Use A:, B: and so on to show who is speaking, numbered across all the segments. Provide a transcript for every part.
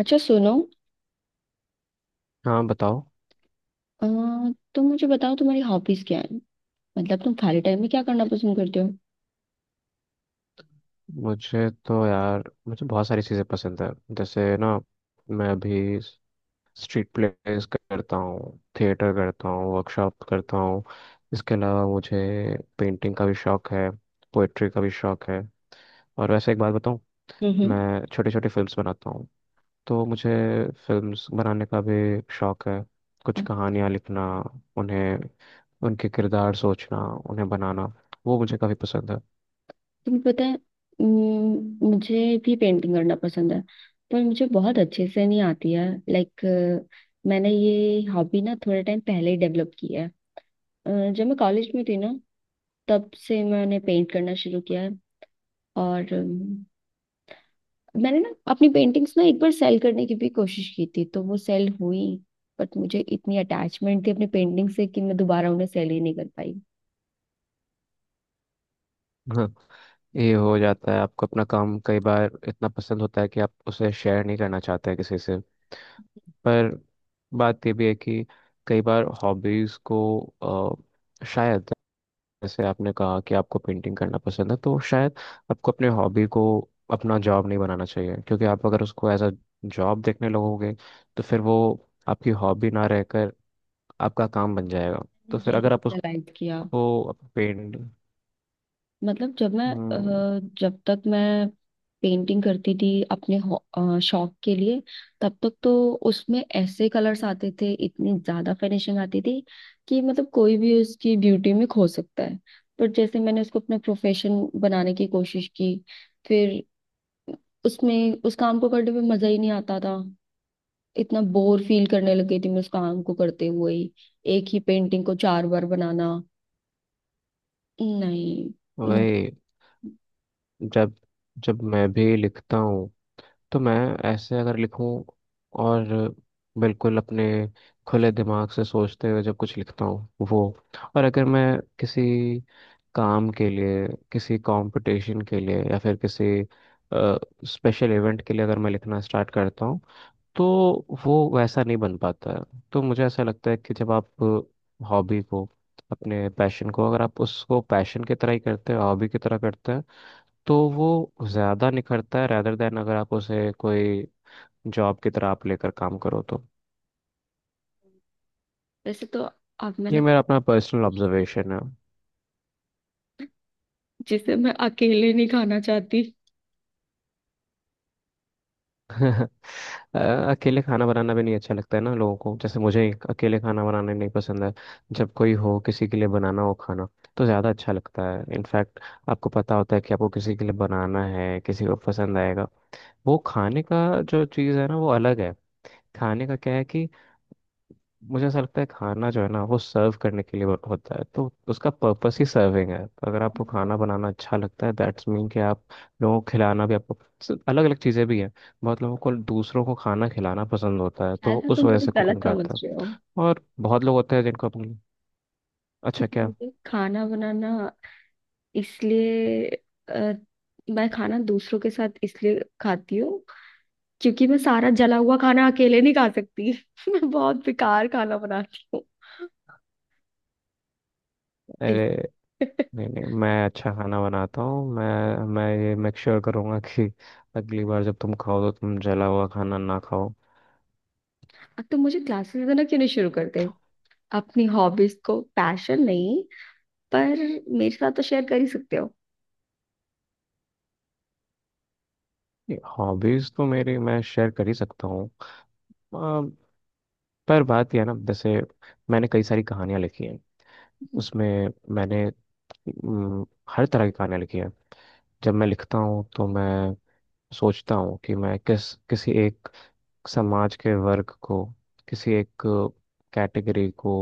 A: अच्छा सुनो।
B: हाँ बताओ।
A: अ, तुम मुझे बताओ, तुम्हारी हॉबीज क्या है? मतलब तुम खाली टाइम में क्या करना पसंद करते हो?
B: मुझे तो यार, मुझे बहुत सारी चीज़ें पसंद है। जैसे ना, मैं अभी स्ट्रीट प्लेस करता हूँ, थिएटर करता हूँ, वर्कशॉप करता हूँ। इसके अलावा मुझे पेंटिंग का भी शौक है, पोइट्री का भी शौक है। और वैसे एक बात बताऊँ,
A: हम्म,
B: मैं छोटे छोटे फिल्म्स बनाता हूँ। तो मुझे फिल्म्स बनाने का भी शौक है।
A: अ,
B: कुछ कहानियाँ लिखना, उन्हें, उनके किरदार सोचना, उन्हें बनाना, वो मुझे काफ़ी पसंद
A: तुम्हें पता है, मुझे भी पेंटिंग करना पसंद है। पर मुझे बहुत अच्छे से नहीं आती है, लाइक मैंने ये हॉबी ना थोड़े टाइम पहले ही डेवलप की है। अ, जब मैं कॉलेज में थी ना, तब से मैंने पेंट करना शुरू किया है। और मैंने ना अपनी पेंटिंग्स ना एक बार सेल करने की भी कोशिश की थी, तो वो सेल हुई। बट मुझे इतनी अटैचमेंट थी अपनी पेंटिंग से कि मैं दोबारा उन्हें सेल ही नहीं कर पाई।
B: है। ये हो जाता है। आपको अपना काम कई बार इतना पसंद होता है कि आप उसे शेयर नहीं करना चाहते हैं किसी से। पर बात ये भी है कि कई बार हॉबीज़ को शायद, जैसे आपने कहा कि आपको पेंटिंग करना पसंद है, तो शायद आपको अपने हॉबी को अपना जॉब नहीं बनाना चाहिए, क्योंकि आप अगर उसको एज अ जॉब देखने लगोगे, तो फिर वो आपकी हॉबी ना रहकर आपका काम बन जाएगा। तो
A: मैंने
B: फिर
A: यही
B: अगर आप
A: रियलाइज किया।
B: उसको पेंट
A: मतलब जब तक मैं पेंटिंग करती थी अपने शौक के लिए, तब तक तो उसमें ऐसे कलर्स आते थे, इतनी ज्यादा फिनिशिंग आती थी कि मतलब कोई भी उसकी ब्यूटी में खो सकता है। पर जैसे मैंने उसको अपना प्रोफेशन बनाने की कोशिश की, फिर उसमें उस काम को करने में मजा ही नहीं आता था। इतना बोर फील करने लग गई थी मैं उस काम को करते हुए ही। एक ही पेंटिंग को 4 बार बनाना! नहीं। उम,
B: वही। जब जब मैं भी लिखता हूँ, तो मैं, ऐसे अगर लिखूँ और बिल्कुल अपने खुले दिमाग से सोचते हुए जब कुछ लिखता हूँ वो, और अगर मैं किसी काम के लिए, किसी कंपटीशन के लिए, या फिर किसी स्पेशल इवेंट के लिए अगर मैं लिखना स्टार्ट करता हूँ, तो वो वैसा नहीं बन पाता है। तो मुझे ऐसा लगता है कि जब आप हॉबी को, अपने पैशन को, अगर आप उसको पैशन की तरह ही करते हैं, हॉबी की तरह करते हैं, तो वो ज़्यादा निखरता है, रैदर देन अगर आप उसे कोई जॉब की तरह आप लेकर काम करो तो।
A: वैसे तो अब
B: ये
A: मैंने,
B: मेरा अपना पर्सनल ऑब्जर्वेशन है।
A: जिसे मैं अकेले नहीं खाना चाहती,
B: अ, अकेले खाना बनाना भी नहीं अच्छा लगता है ना लोगों को, जैसे मुझे अकेले खाना बनाना नहीं पसंद है। जब कोई हो, किसी के लिए बनाना हो खाना, तो ज़्यादा अच्छा लगता है। इनफैक्ट आपको पता होता है कि आपको किसी के लिए बनाना है, किसी को पसंद आएगा, वो खाने का जो चीज़ है ना, वो अलग है। खाने का क्या है कि मुझे ऐसा लगता है, खाना जो है ना वो सर्व करने के लिए होता है, तो उसका पर्पस ही सर्विंग है। तो अगर आपको
A: शायद।
B: खाना बनाना अच्छा लगता है दैट्स मीन कि आप लोगों को खिलाना भी आपको। अलग अलग चीज़ें भी हैं। बहुत लोगों को दूसरों को खाना खिलाना पसंद होता है, तो वो
A: ना,
B: उस
A: तुम
B: वजह
A: मुझे
B: से कुकिंग
A: गलत समझ
B: करते हैं।
A: रहे हो,
B: और बहुत लोग होते हैं जिनको अपनी। अच्छा
A: क्योंकि
B: क्या।
A: मुझे खाना बनाना इसलिए अ, मैं खाना दूसरों के साथ इसलिए खाती हूँ क्योंकि मैं सारा जला हुआ खाना अकेले नहीं खा सकती। मैं बहुत बेकार खाना बनाती हूँ।
B: अरे, नहीं नहीं, मैं अच्छा खाना बनाता हूँ। मैं ये मेक श्योर करूँगा कि अगली बार जब तुम खाओ तो तुम जला हुआ खाना ना खाओ।
A: अब तो मुझे क्लासेस देना क्यों नहीं शुरू करते, अपनी हॉबीज को पैशन नहीं? पर मेरे साथ तो शेयर कर ही सकते हो।
B: हॉबीज तो मेरी मैं शेयर कर ही सकता हूँ। पर बात यह है ना, जैसे मैंने कई सारी कहानियां लिखी हैं, उसमें मैंने अम, हर तरह की कहानियां लिखी हैं। जब मैं लिखता हूँ तो मैं सोचता हूँ कि मैं किसी एक समाज के वर्ग को, किसी एक कैटेगरी को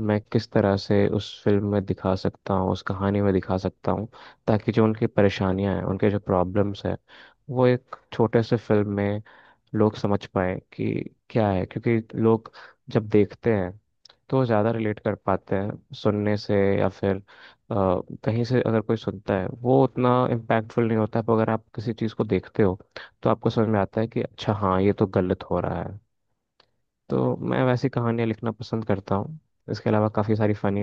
B: मैं किस तरह से उस फिल्म में दिखा सकता हूँ, उस कहानी में दिखा सकता हूँ, ताकि जो उनकी परेशानियां हैं, उनके जो प्रॉब्लम्स हैं, वो एक छोटे से फिल्म में लोग समझ पाए कि क्या है, क्योंकि लोग जब देखते हैं तो वो ज़्यादा रिलेट कर पाते हैं सुनने से, या फिर कहीं से अगर कोई सुनता है वो उतना इम्पैक्टफुल नहीं होता है, पर अगर आप किसी चीज़ को देखते हो तो आपको समझ में आता है कि अच्छा हाँ, ये तो गलत हो रहा है। तो मैं वैसी कहानियाँ लिखना पसंद करता हूँ। इसके अलावा काफ़ी सारी फ़नी,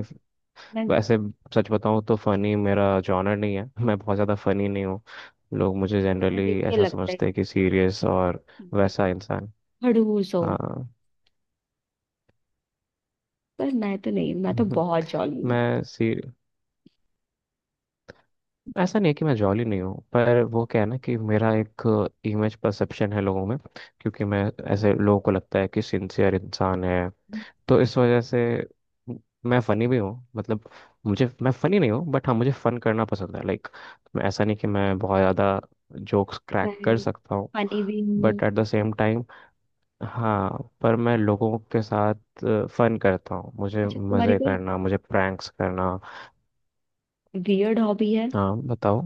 A: मैं
B: वैसे सच बताऊँ तो फ़नी मेरा जॉनर नहीं है, मैं बहुत ज़्यादा फ़नी नहीं हूँ। लोग मुझे
A: तुम्हें देख
B: जनरली
A: के
B: ऐसा
A: लगता
B: समझते
A: ही
B: हैं कि सीरियस और
A: ठीक है, कि
B: वैसा इंसान।
A: खड़ूस हो।
B: हाँ।
A: पर मैं तो नहीं, मैं तो बहुत जॉली हूँ।
B: मैं सी ऐसा नहीं है कि मैं जॉली नहीं हूँ, पर वो क्या है ना कि मेरा एक इमेज परसेप्शन है लोगों में, क्योंकि मैं ऐसे लोगों को लगता है कि सिंसियर इंसान है, तो इस वजह से म- मैं फनी भी हूँ मतलब। मुझे, मैं फनी नहीं हूँ बट हाँ, मुझे फन करना पसंद है लाइक। मैं ऐसा नहीं कि मैं बहुत ज़्यादा जोक्स क्रैक
A: मैं
B: कर सकता हूँ
A: फनी भी हूँ।
B: But at the same time, हाँ पर मैं लोगों के साथ फन करता हूँ, मुझे
A: अच्छा, तुम्हारी
B: मज़े
A: कोई
B: करना, मुझे प्रैंक्स करना।
A: वियर्ड हॉबी है?
B: हाँ बताओ।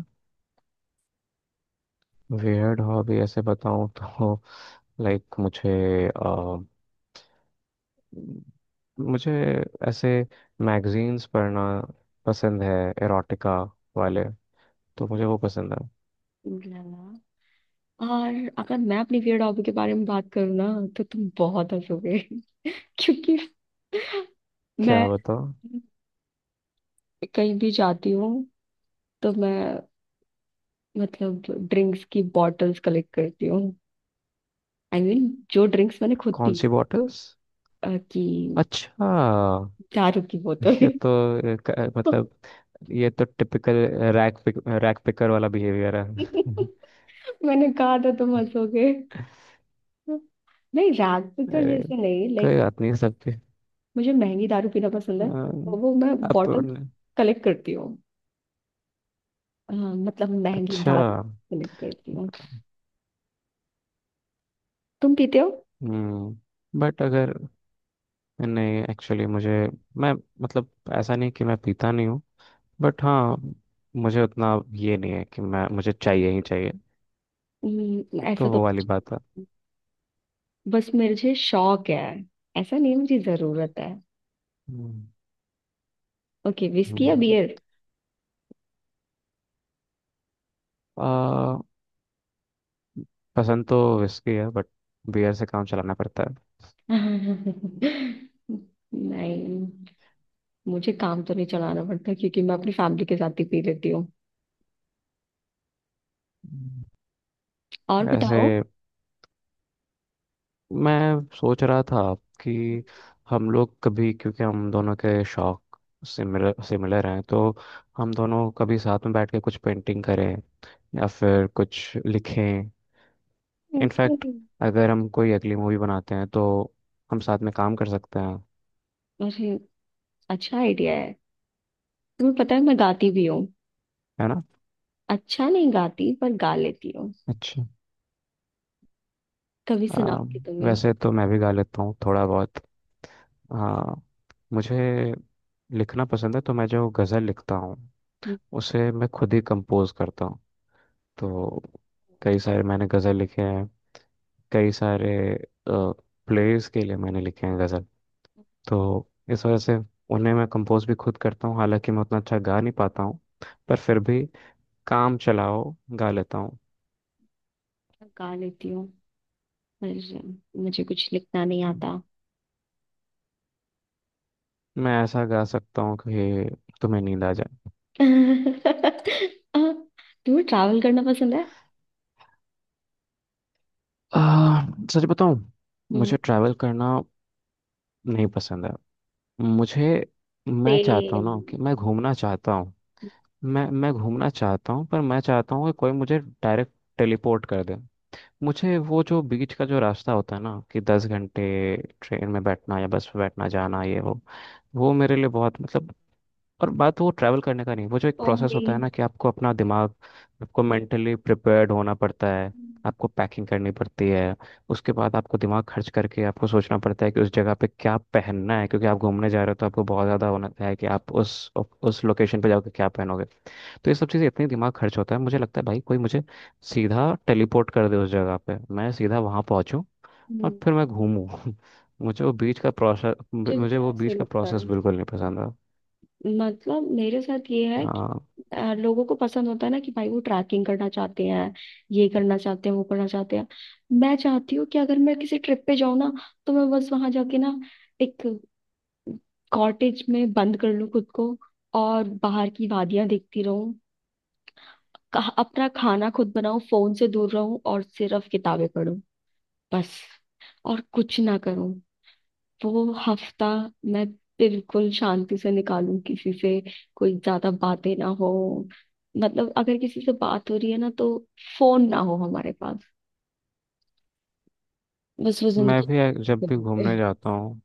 B: वियर्ड हॉबी ऐसे बताऊं तो, लाइक मुझे अ, मुझे ऐसे मैगजीन्स पढ़ना पसंद है, एरोटिका वाले, तो मुझे वो पसंद है।
A: लगा। और अगर मैं अपनी वियर्ड हॉबी के बारे में बात करूँ ना, तो तुम बहुत हंसोगे। क्योंकि
B: क्या
A: मैं
B: बताओ।
A: कहीं भी जाती हूँ, तो मैं, मतलब, ड्रिंक्स की बॉटल्स कलेक्ट करती हूँ। आई I मीन mean, जो ड्रिंक्स मैंने खुद
B: कौन
A: पी,
B: सी बॉटल्स।
A: कि
B: अच्छा,
A: दारू की बोतल।
B: ये तो मतलब ये तो टिपिकल रैक पिकर वाला बिहेवियर है।
A: मैंने कहा था तुम हंसोगे। नहीं, रात तो
B: अरे
A: जैसे नहीं, लाइक
B: कोई बात नहीं सबके
A: मुझे महंगी दारू पीना पसंद
B: अ,
A: है तो वो मैं
B: अप
A: बॉटल कलेक्ट करती हूँ। मतलब महंगी
B: अच्छा।
A: दारू कलेक्ट करती हूँ। तुम पीते हो?
B: हम्म। बट अगर, नहीं एक्चुअली मुझे, मैं, मतलब, ऐसा नहीं कि मैं पीता नहीं हूँ बट हाँ, मुझे उतना ये नहीं है कि मैं, मुझे चाहिए ही चाहिए।
A: ऐसा
B: तो
A: तो
B: वो वाली बात है।
A: बस मुझे शौक है, ऐसा नहीं मुझे जरूरत है।
B: हम्म,
A: ओके, विस्की या
B: हम्म।
A: बियर?
B: आ, पसंद तो विस्की है बट बियर से काम चलाना पड़ता है।
A: नहीं, मुझे काम तो नहीं चलाना पड़ता, क्योंकि मैं अपनी फैमिली के साथ ही पी लेती हूँ।
B: हम्म।
A: और
B: वैसे
A: बताओ।
B: मैं सोच रहा था कि हम लोग कभी, क्योंकि हम दोनों के शौक सिमिलर सिमिलर हैं, तो हम दोनों कभी साथ में बैठ के कुछ पेंटिंग करें या फिर कुछ लिखें। In fact,
A: Okay.
B: अगर हम कोई अगली मूवी बनाते हैं तो हम साथ में काम कर सकते हैं।
A: अरे, अच्छा आइडिया है। तुम्हें पता है, मैं गाती भी हूँ।
B: है ना।
A: अच्छा नहीं गाती, पर गा लेती हूँ।
B: अच्छा।
A: कभी सुनाओ
B: आ,
A: कि तुम्हें।
B: वैसे तो मैं भी गा लेता हूँ थोड़ा बहुत। हाँ, मुझे लिखना पसंद है, तो मैं जो गज़ल लिखता हूँ
A: मैं
B: उसे मैं खुद ही कंपोज करता हूँ। तो कई सारे मैंने गज़ल लिखे हैं, कई सारे प्लेयर्स के लिए मैंने लिखे हैं गज़ल, तो इस वजह से उन्हें मैं कंपोज भी खुद करता हूँ, हालांकि मैं उतना अच्छा गा नहीं पाता हूँ, पर फिर भी काम चलाओ गा लेता हूँ।
A: गा लेती हूँ, पर मुझे कुछ लिखना नहीं आता।
B: मैं ऐसा गा सकता हूँ कि तुम्हें नींद आ जाए।
A: तुम्हें ट्रैवल करना पसंद है?
B: आ, सच बताऊँ, मुझे ट्रैवल करना नहीं पसंद है। मुझे, मैं चाहता हूँ
A: सेम।
B: ना कि मैं घूमना चाहता हूँ। मैं घूमना चाहता हूँ, पर मैं चाहता हूँ कि कोई मुझे डायरेक्ट टेलीपोर्ट कर दे। मुझे वो जो बीच का जो रास्ता होता है ना, कि 10 घंटे ट्रेन में बैठना या बस में बैठना, जाना ये वो मेरे लिए बहुत मतलब, और बात वो ट्रैवल करने का नहीं, वो जो एक
A: ओ
B: प्रोसेस
A: मी,
B: होता है ना, कि आपको अपना दिमाग, आपको मेंटली प्रिपेयर्ड होना पड़ता है। आपको पैकिंग करनी पड़ती है। उसके बाद आपको दिमाग खर्च करके आपको सोचना पड़ता है कि उस जगह पे क्या पहनना है, क्योंकि आप घूमने जा रहे हो तो आपको बहुत ज़्यादा होना है कि आप उस लोकेशन पे जाकर क्या पहनोगे। तो ये सब चीज़ें इतनी, दिमाग खर्च होता है, मुझे लगता है भाई कोई मुझे सीधा टेलीपोर्ट कर दे उस जगह पे, मैं सीधा वहाँ पहुँचूँ और
A: मुझे
B: फिर मैं घूमूँ। मुझे
A: भी
B: वो
A: ऐसे
B: बीच
A: ही
B: का
A: लगता
B: प्रोसेस
A: है।
B: बिल्कुल नहीं पसंद
A: मतलब मेरे साथ ये है कि
B: है।
A: लोगों को पसंद होता है ना कि भाई वो ट्रैकिंग करना चाहते हैं, ये करना चाहते हैं, वो करना चाहते हैं। मैं चाहती हूँ कि अगर मैं किसी ट्रिप पे जाऊँ ना, तो मैं बस वहां जाके ना एक कॉटेज में बंद कर लूँ खुद को, और बाहर की वादियां देखती रहूँ। अपना खाना खुद बनाऊँ, फोन से दूर रहूँ और सिर्फ किताबें पढूं। बस, और कुछ ना करूँ। वो हफ्ता मैं बिल्कुल शांति से निकालूं, किसी से कोई ज्यादा बातें ना हो। मतलब अगर किसी से बात हो रही है ना, तो फोन ना हो हमारे पास। बस वो
B: मैं
A: जिंदगी
B: भी जब
A: के
B: भी
A: होते
B: घूमने
A: हैं।
B: जाता हूँ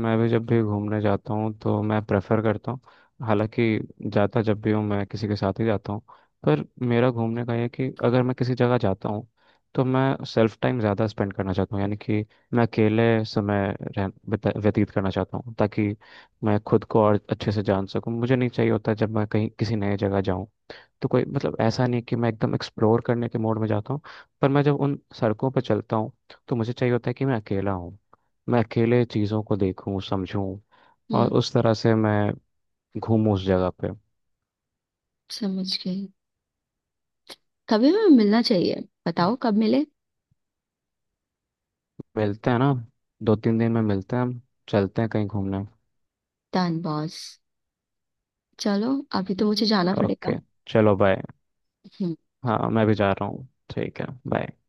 B: मैं भी जब भी घूमने जाता हूँ तो मैं प्रेफर करता हूँ। हालांकि जाता जब भी हूँ मैं किसी के साथ ही जाता हूँ। पर मेरा घूमने का ये है कि अगर मैं किसी जगह जाता हूँ, तो मैं सेल्फ टाइम ज़्यादा स्पेंड करना चाहता हूँ, यानी कि मैं अकेले समय व्यतीत करना चाहता हूँ, ताकि मैं खुद को और अच्छे से जान सकूँ। मुझे नहीं चाहिए होता जब मैं कहीं किसी नए जगह जाऊँ तो कोई, मतलब ऐसा नहीं कि मैं एकदम एक्सप्लोर करने के मोड में जाता हूँ, पर मैं जब उन सड़कों पर चलता हूँ तो मुझे चाहिए होता है कि मैं अकेला हूँ, मैं अकेले चीज़ों को देखूं समझूं और
A: हम्म,
B: उस तरह से मैं घूमूं उस जगह पे।
A: समझ गई। कभी हमें मिलना चाहिए। बताओ कब मिले?
B: मिलते हैं ना, दो तीन दिन में मिलते हैं हम, चलते हैं कहीं घूमने।
A: Done boss. चलो, अभी तो मुझे जाना
B: ओके,
A: पड़ेगा।
B: चलो बाय।
A: हम्म
B: हाँ मैं भी जा रहा हूँ, ठीक है बाय।